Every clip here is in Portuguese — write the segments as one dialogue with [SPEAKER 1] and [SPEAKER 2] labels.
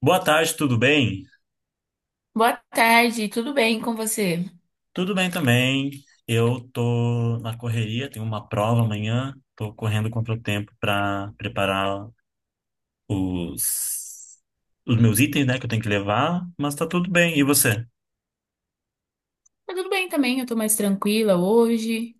[SPEAKER 1] Boa tarde, tudo bem?
[SPEAKER 2] Boa tarde, tudo bem com você?
[SPEAKER 1] Tudo bem também. Eu tô na correria, tenho uma prova amanhã, tô correndo contra o tempo para preparar os os meus itens, né, que eu tenho que levar, mas tá tudo bem. E você?
[SPEAKER 2] Tá tudo bem também, eu tô mais tranquila hoje,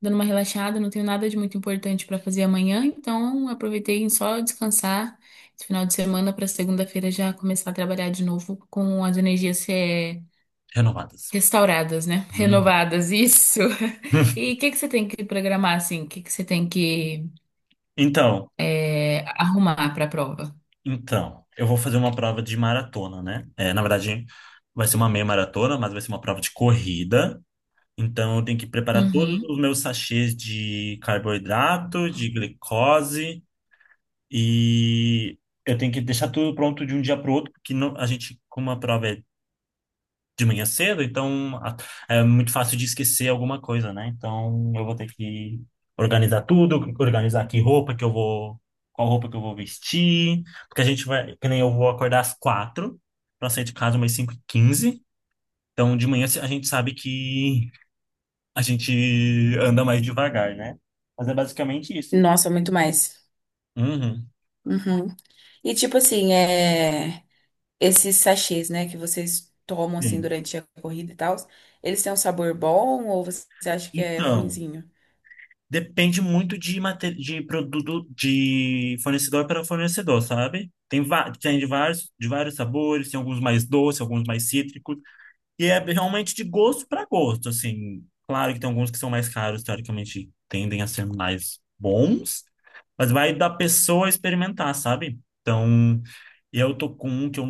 [SPEAKER 2] dando uma relaxada, não tenho nada de muito importante pra fazer amanhã, então aproveitei em só descansar esse final de semana pra segunda-feira já começar a trabalhar de novo com as energias
[SPEAKER 1] Renovadas.
[SPEAKER 2] restauradas, né?
[SPEAKER 1] Hum.
[SPEAKER 2] Renovadas, isso. E o que que você tem que programar assim? O que que você tem que
[SPEAKER 1] Então,
[SPEAKER 2] arrumar pra prova?
[SPEAKER 1] eu vou fazer uma prova de maratona, né? É, na verdade, vai ser uma meia maratona, mas vai ser uma prova de corrida. Então, eu tenho que preparar todos
[SPEAKER 2] Uhum.
[SPEAKER 1] os meus sachês de carboidrato, de glicose. E eu tenho que deixar tudo pronto de um dia para o outro, porque não, a gente, como a prova é de manhã cedo, então é muito fácil de esquecer alguma coisa, né? Então eu vou ter que organizar tudo, organizar que roupa que eu vou, qual roupa que eu vou vestir, porque a gente vai, que nem eu vou acordar às 4h para sair de casa umas 5h15. Então de manhã a gente sabe que a gente anda mais devagar, né? Mas é basicamente isso.
[SPEAKER 2] Nossa, muito mais.
[SPEAKER 1] Uhum,
[SPEAKER 2] Uhum. E tipo assim, é, esses sachês, né, que vocês tomam assim
[SPEAKER 1] sim.
[SPEAKER 2] durante a corrida e tal, eles têm um sabor bom ou você acha que é
[SPEAKER 1] Então,
[SPEAKER 2] ruinzinho?
[SPEAKER 1] depende muito de, de produto, de fornecedor para fornecedor, sabe? Tem, tem de vários sabores, tem alguns mais doces, alguns mais cítricos, e é realmente de gosto para gosto, assim. Claro que tem alguns que são mais caros, teoricamente tendem a ser mais bons, mas vai da pessoa experimentar, sabe? Então, eu tô com um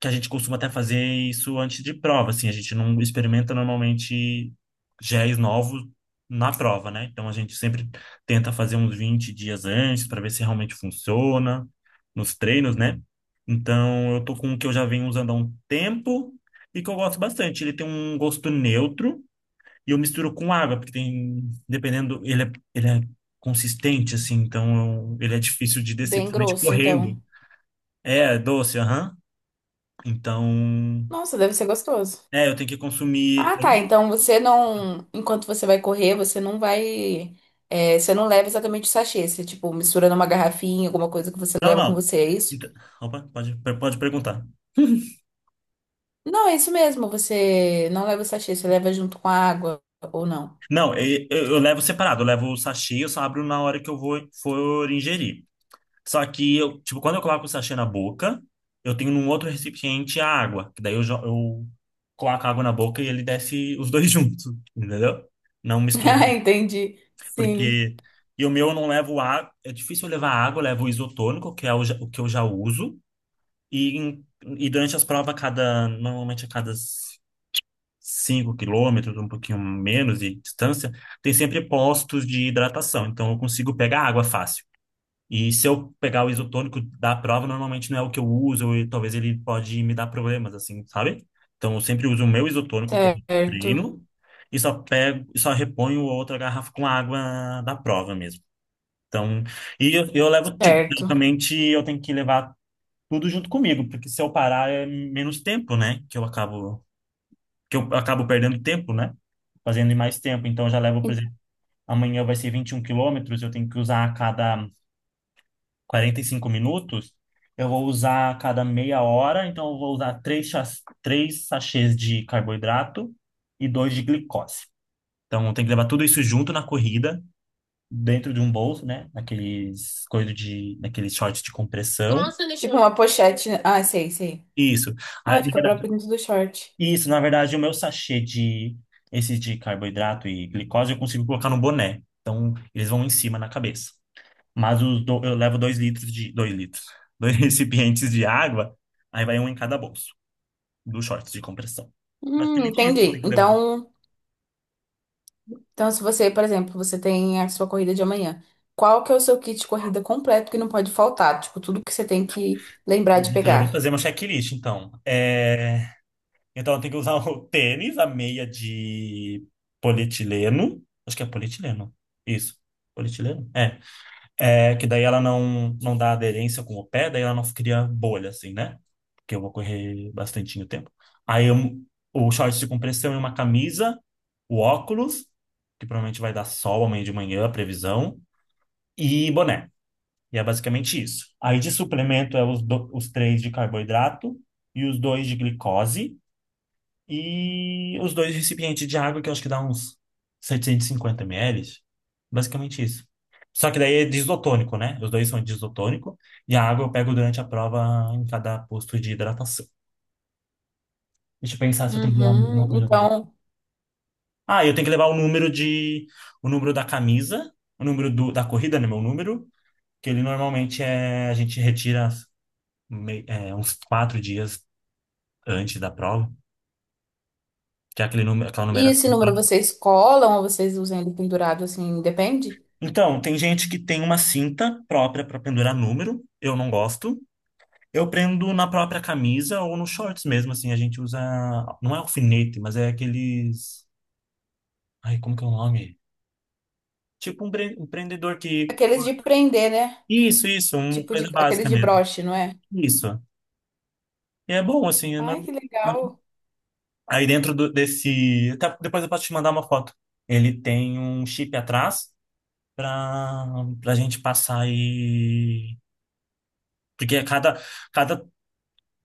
[SPEAKER 1] que a gente costuma até fazer isso antes de prova, assim. A gente não experimenta normalmente géis novos na prova, né? Então a gente sempre tenta fazer uns 20 dias antes para ver se realmente funciona nos treinos, né? Então eu tô com um que eu já venho usando há um tempo e que eu gosto bastante. Ele tem um gosto neutro e eu misturo com água, porque tem, dependendo, ele é consistente, assim, então ele é difícil de descer,
[SPEAKER 2] Bem
[SPEAKER 1] principalmente
[SPEAKER 2] grosso,
[SPEAKER 1] correndo.
[SPEAKER 2] então.
[SPEAKER 1] É, doce, aham. Então,
[SPEAKER 2] Nossa, deve ser gostoso.
[SPEAKER 1] é, eu tenho que consumir.
[SPEAKER 2] Ah, tá. Então você não. Enquanto você vai correr, você não vai, é, você não leva exatamente o sachê. Você, tipo, mistura numa garrafinha, alguma coisa que você
[SPEAKER 1] Não,
[SPEAKER 2] leva com
[SPEAKER 1] não.
[SPEAKER 2] você, é isso?
[SPEAKER 1] Então- Opa, pode perguntar.
[SPEAKER 2] Não, é isso mesmo. Você não leva o sachê, você leva junto com a água, ou não.
[SPEAKER 1] Não, eu levo separado, eu levo o sachê, eu só abro na hora que eu vou for ingerir. Só que eu, tipo, quando eu coloco o sachê na boca, eu tenho num outro recipiente a água, que daí eu, eu coloco a água na boca e ele desce os dois juntos, entendeu? Não mistura,
[SPEAKER 2] Ah, entendi. Sim.
[SPEAKER 1] porque e o meu eu não levo água, é difícil eu levar água, eu levo o isotônico, que é o, o que eu já uso, e, em- e durante as provas, a cada, normalmente a cada 5 km, um pouquinho menos de distância, tem sempre postos de hidratação. Então, eu consigo pegar água fácil. E se eu pegar o isotônico da prova, normalmente não é o que eu uso e talvez ele pode me dar problemas, assim, sabe? Então, eu sempre uso o meu isotônico que eu
[SPEAKER 2] Certo.
[SPEAKER 1] treino e só pego, e só reponho outra garrafa com água da prova mesmo. Então, e eu levo, tipo,
[SPEAKER 2] Certo.
[SPEAKER 1] praticamente eu tenho que levar tudo junto comigo, porque se eu parar é menos tempo, né? Que eu acabo perdendo tempo, né? Fazendo em mais tempo. Então, eu já levo, por exemplo, amanhã vai ser 21 quilômetros, eu tenho que usar a cada 45 minutos, eu vou usar a cada meia hora, então eu vou usar três sachês de carboidrato e dois de glicose. Então, tem que levar tudo isso junto na corrida, dentro de um bolso, né? Naqueles coisas de, naqueles shorts de compressão.
[SPEAKER 2] Nossa, tipo eu, uma pochete, né? Ah, sei, sei.
[SPEAKER 1] Isso. Aí,
[SPEAKER 2] Ah,
[SPEAKER 1] na
[SPEAKER 2] fica
[SPEAKER 1] verdade-
[SPEAKER 2] próprio dentro do short.
[SPEAKER 1] Isso, na verdade, o meu sachê de esses de carboidrato e glicose eu consigo colocar no boné. Então, eles vão em cima na cabeça. Mas eu levo 2 litros de. 2 litros. Dois recipientes de água. Aí vai um em cada bolso. Dos shorts de compressão. Basicamente isso que eu
[SPEAKER 2] Entendi.
[SPEAKER 1] tenho que levar.
[SPEAKER 2] Então, então, se você, por exemplo, você tem a sua corrida de amanhã, qual que é o seu kit de corrida completo que não pode faltar? Tipo, tudo que você tem que lembrar de
[SPEAKER 1] Eu já vou
[SPEAKER 2] pegar.
[SPEAKER 1] fazer uma checklist, então. É, então eu tenho que usar o tênis, a meia de polietileno. Acho que é polietileno. Isso. Polietileno? É. É, que daí ela não dá aderência com o pé, daí ela não cria bolha, assim, né? Porque eu vou correr bastante tempo. Aí eu, o short de compressão e uma camisa, o óculos, que provavelmente vai dar sol amanhã de manhã, a previsão, e boné. E é basicamente isso. Aí de suplemento é os, os três de carboidrato e os dois de glicose. E os dois recipientes de água, que eu acho que dá uns 750 ml. Basicamente isso. Só que daí é disotônico, né? Os dois são disotônico. E a água eu pego durante a prova em cada posto de hidratação. Deixa eu pensar se eu tenho que levar alguma
[SPEAKER 2] Uhum.
[SPEAKER 1] coisa
[SPEAKER 2] Então,
[SPEAKER 1] Ah, eu tenho que levar o número de... O número da camisa. O número da corrida, né? Meu número. Que ele normalmente é... A gente retira é, uns 4 dias antes da prova. Que é aquele número... aquela
[SPEAKER 2] e esse
[SPEAKER 1] numeração.
[SPEAKER 2] número vocês colam ou vocês usam ele pendurado assim? Depende.
[SPEAKER 1] Então, tem gente que tem uma cinta própria para pendurar número, eu não gosto. Eu prendo na própria camisa ou nos shorts mesmo, assim, a gente usa, não é alfinete, mas é aqueles, ai, como que é o nome? Tipo um prendedor que,
[SPEAKER 2] Aqueles de prender, né?
[SPEAKER 1] isso, uma
[SPEAKER 2] Tipo de
[SPEAKER 1] coisa
[SPEAKER 2] aqueles
[SPEAKER 1] básica
[SPEAKER 2] de
[SPEAKER 1] mesmo,
[SPEAKER 2] broche, não é?
[SPEAKER 1] isso. E é bom, assim, é
[SPEAKER 2] Ai, que legal.
[SPEAKER 1] aí dentro desse. Até depois eu posso te mandar uma foto. Ele tem um chip atrás para para gente passar e... Porque cada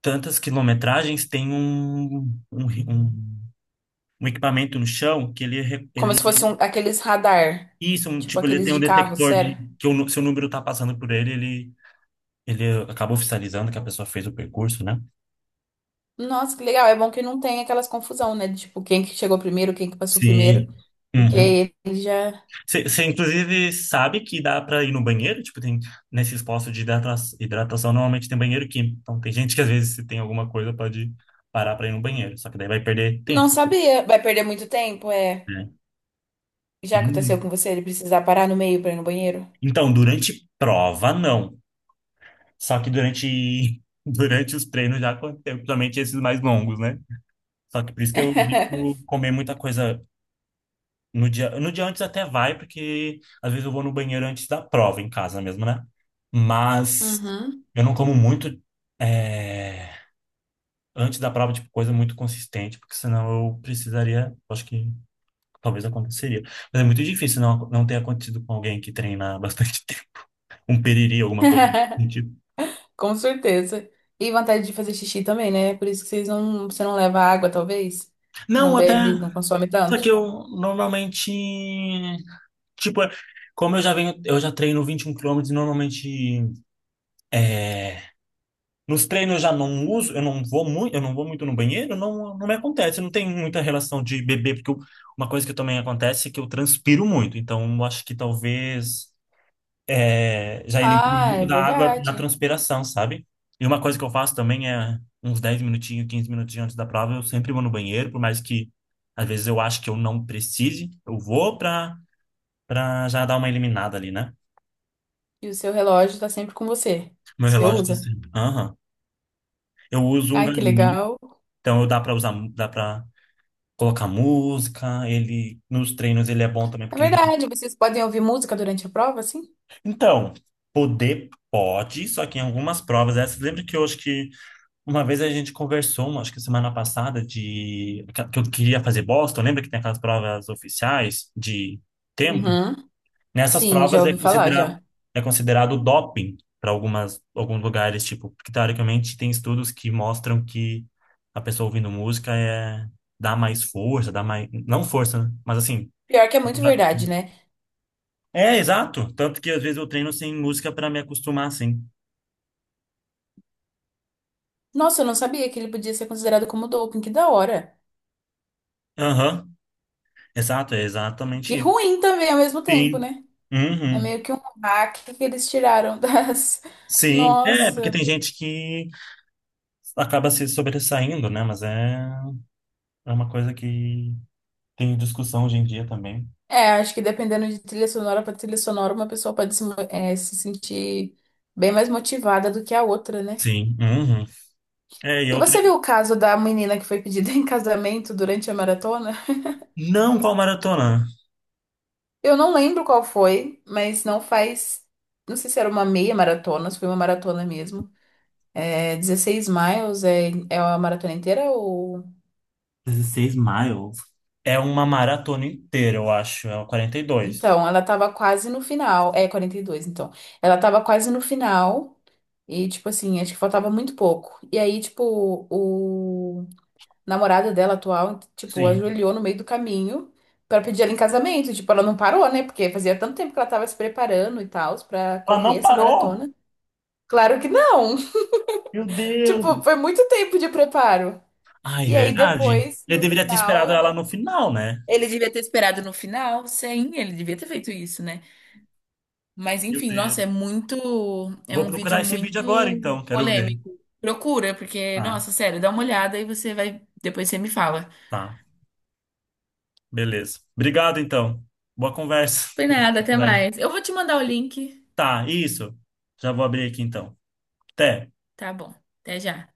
[SPEAKER 1] tantas quilometragens, tem um, um, um equipamento no chão que ele,
[SPEAKER 2] Como se fosse
[SPEAKER 1] ele
[SPEAKER 2] um, aqueles radar,
[SPEAKER 1] isso, um,
[SPEAKER 2] tipo
[SPEAKER 1] tipo, ele
[SPEAKER 2] aqueles
[SPEAKER 1] tem um
[SPEAKER 2] de carro,
[SPEAKER 1] detector de
[SPEAKER 2] sério.
[SPEAKER 1] que o, se o número está passando por ele, ele acaba oficializando que a pessoa fez o percurso, né?
[SPEAKER 2] Nossa, que legal. É bom que não tem aquelas confusão, né? De, tipo, quem que chegou primeiro, quem que passou primeiro.
[SPEAKER 1] Sim. Uhum.
[SPEAKER 2] Porque ele já
[SPEAKER 1] Você, inclusive, sabe que dá para ir no banheiro? Tipo, tem nesses postos de hidratação, normalmente tem banheiro químico. Então, tem gente que às vezes, se tem alguma coisa, pode parar para ir no banheiro. Só que daí vai perder tempo,
[SPEAKER 2] não sabia. Vai perder muito tempo, é.
[SPEAKER 1] né?
[SPEAKER 2] Já aconteceu
[SPEAKER 1] Uhum.
[SPEAKER 2] com você? Ele precisar parar no meio pra ir no banheiro?
[SPEAKER 1] Então, durante prova, não. Só que durante, durante os treinos já aconteceu, principalmente esses mais longos, né? Só que por isso que eu evito comer muita coisa no dia. No dia antes até vai, porque às vezes eu vou no banheiro antes da prova em casa mesmo, né? Mas
[SPEAKER 2] Uhum.
[SPEAKER 1] eu não como muito é, antes da prova, tipo, coisa muito consistente, porque senão eu precisaria, acho que talvez aconteceria. Mas é muito difícil não ter acontecido com alguém que treina há bastante tempo. Um periri, alguma coisa nesse sentido.
[SPEAKER 2] Com certeza. E vontade de fazer xixi também, né? Por isso que vocês não, você não leva água, talvez. Você não
[SPEAKER 1] Não, até.
[SPEAKER 2] bebe, não consome
[SPEAKER 1] Só que
[SPEAKER 2] tanto.
[SPEAKER 1] eu normalmente, tipo, como eu já venho, eu já treino 21 km e normalmente nos treinos eu já não uso, eu não vou muito no banheiro, não me acontece, não tem muita relação de beber, uma coisa que também acontece é que eu transpiro muito, então eu acho que talvez é, já elimine
[SPEAKER 2] Ah, é
[SPEAKER 1] muito da água na
[SPEAKER 2] verdade.
[SPEAKER 1] transpiração, sabe? E uma coisa que eu faço também é uns 10 minutinhos, 15 minutinhos antes da prova, eu sempre vou no banheiro, por mais que às vezes eu acho que eu não precise, eu vou para pra já dar uma eliminada ali, né?
[SPEAKER 2] E o seu relógio tá sempre com você.
[SPEAKER 1] Meu
[SPEAKER 2] Você
[SPEAKER 1] relógio tá, uhum,
[SPEAKER 2] usa.
[SPEAKER 1] sempre. Aham. Eu uso um
[SPEAKER 2] Ai, que
[SPEAKER 1] Garmin,
[SPEAKER 2] legal.
[SPEAKER 1] então eu dá pra usar, dá pra colocar música, ele nos treinos ele é bom também
[SPEAKER 2] É
[SPEAKER 1] porque ele já...
[SPEAKER 2] verdade. Vocês podem ouvir música durante a prova, assim?
[SPEAKER 1] Então, poder pode, só que em algumas provas essas, lembra que eu acho que uma vez a gente conversou, acho que semana passada de que eu queria fazer Boston, lembra que tem aquelas provas oficiais de tempo?
[SPEAKER 2] Uhum.
[SPEAKER 1] Nessas
[SPEAKER 2] Sim, já
[SPEAKER 1] provas é
[SPEAKER 2] ouvi falar
[SPEAKER 1] considerado
[SPEAKER 2] já.
[SPEAKER 1] é considerado doping para algumas alguns lugares, tipo, porque teoricamente tem estudos que mostram que a pessoa ouvindo música é dá mais força, dá mais não força, né? Mas assim,
[SPEAKER 2] Pior que é muito
[SPEAKER 1] dá-
[SPEAKER 2] verdade, né?
[SPEAKER 1] é exato, tanto que às vezes eu treino sem música para me acostumar assim.
[SPEAKER 2] Nossa, eu não sabia que ele podia ser considerado como doping, que da hora.
[SPEAKER 1] Aham. Exato, é
[SPEAKER 2] Que
[SPEAKER 1] exatamente isso.
[SPEAKER 2] ruim também ao mesmo tempo,
[SPEAKER 1] Sim.
[SPEAKER 2] né? É
[SPEAKER 1] Uhum.
[SPEAKER 2] meio que um hack que eles tiraram das.
[SPEAKER 1] Sim, é, porque
[SPEAKER 2] Nossa.
[SPEAKER 1] tem gente que acaba se sobressaindo, né? Mas é uma coisa que tem discussão hoje em dia também.
[SPEAKER 2] É, acho que dependendo de trilha sonora para trilha sonora, uma pessoa pode se, é, se sentir bem mais motivada do que a outra, né?
[SPEAKER 1] Sim. Uhum. É, e
[SPEAKER 2] E
[SPEAKER 1] outra.
[SPEAKER 2] você viu o caso da menina que foi pedida em casamento durante a maratona?
[SPEAKER 1] Não qual maratona.
[SPEAKER 2] Eu não lembro qual foi, mas não faz. Não sei se era uma meia maratona, se foi uma maratona mesmo. É 16 miles, é, é a maratona inteira ou.
[SPEAKER 1] 16 miles. É uma maratona inteira, eu acho. É uma 42.
[SPEAKER 2] Então, ela tava quase no final. É 42, então. Ela tava quase no final. E, tipo assim, acho que faltava muito pouco. E aí, tipo, o namorado dela atual, tipo,
[SPEAKER 1] Sim.
[SPEAKER 2] ajoelhou no meio do caminho pra pedir ela em casamento. Tipo, ela não parou, né? Porque fazia tanto tempo que ela tava se preparando e tal pra
[SPEAKER 1] Ela
[SPEAKER 2] correr
[SPEAKER 1] não
[SPEAKER 2] essa
[SPEAKER 1] parou?
[SPEAKER 2] maratona. Claro que não!
[SPEAKER 1] Meu
[SPEAKER 2] Tipo,
[SPEAKER 1] Deus!
[SPEAKER 2] foi muito tempo de preparo.
[SPEAKER 1] Ai,
[SPEAKER 2] E aí
[SPEAKER 1] verdade.
[SPEAKER 2] depois,
[SPEAKER 1] Eu
[SPEAKER 2] no
[SPEAKER 1] deveria ter
[SPEAKER 2] final,
[SPEAKER 1] esperado ela
[SPEAKER 2] ela.
[SPEAKER 1] no final, né?
[SPEAKER 2] Ele devia ter esperado no final, sim, ele devia ter feito isso, né? Mas
[SPEAKER 1] Meu
[SPEAKER 2] enfim, nossa, é
[SPEAKER 1] Deus.
[SPEAKER 2] muito, é
[SPEAKER 1] Vou
[SPEAKER 2] um vídeo
[SPEAKER 1] procurar esse vídeo agora,
[SPEAKER 2] muito
[SPEAKER 1] então. Quero ver.
[SPEAKER 2] polêmico. Procura, porque,
[SPEAKER 1] Tá,
[SPEAKER 2] nossa, sério, dá uma olhada e você vai, depois você me fala.
[SPEAKER 1] tá. Beleza. Obrigado, então. Boa conversa.
[SPEAKER 2] Foi nada,
[SPEAKER 1] Boa
[SPEAKER 2] até
[SPEAKER 1] conversa.
[SPEAKER 2] mais. Eu vou te mandar o link.
[SPEAKER 1] Tá, isso. Já vou abrir aqui, então. Até.
[SPEAKER 2] Tá bom, até já.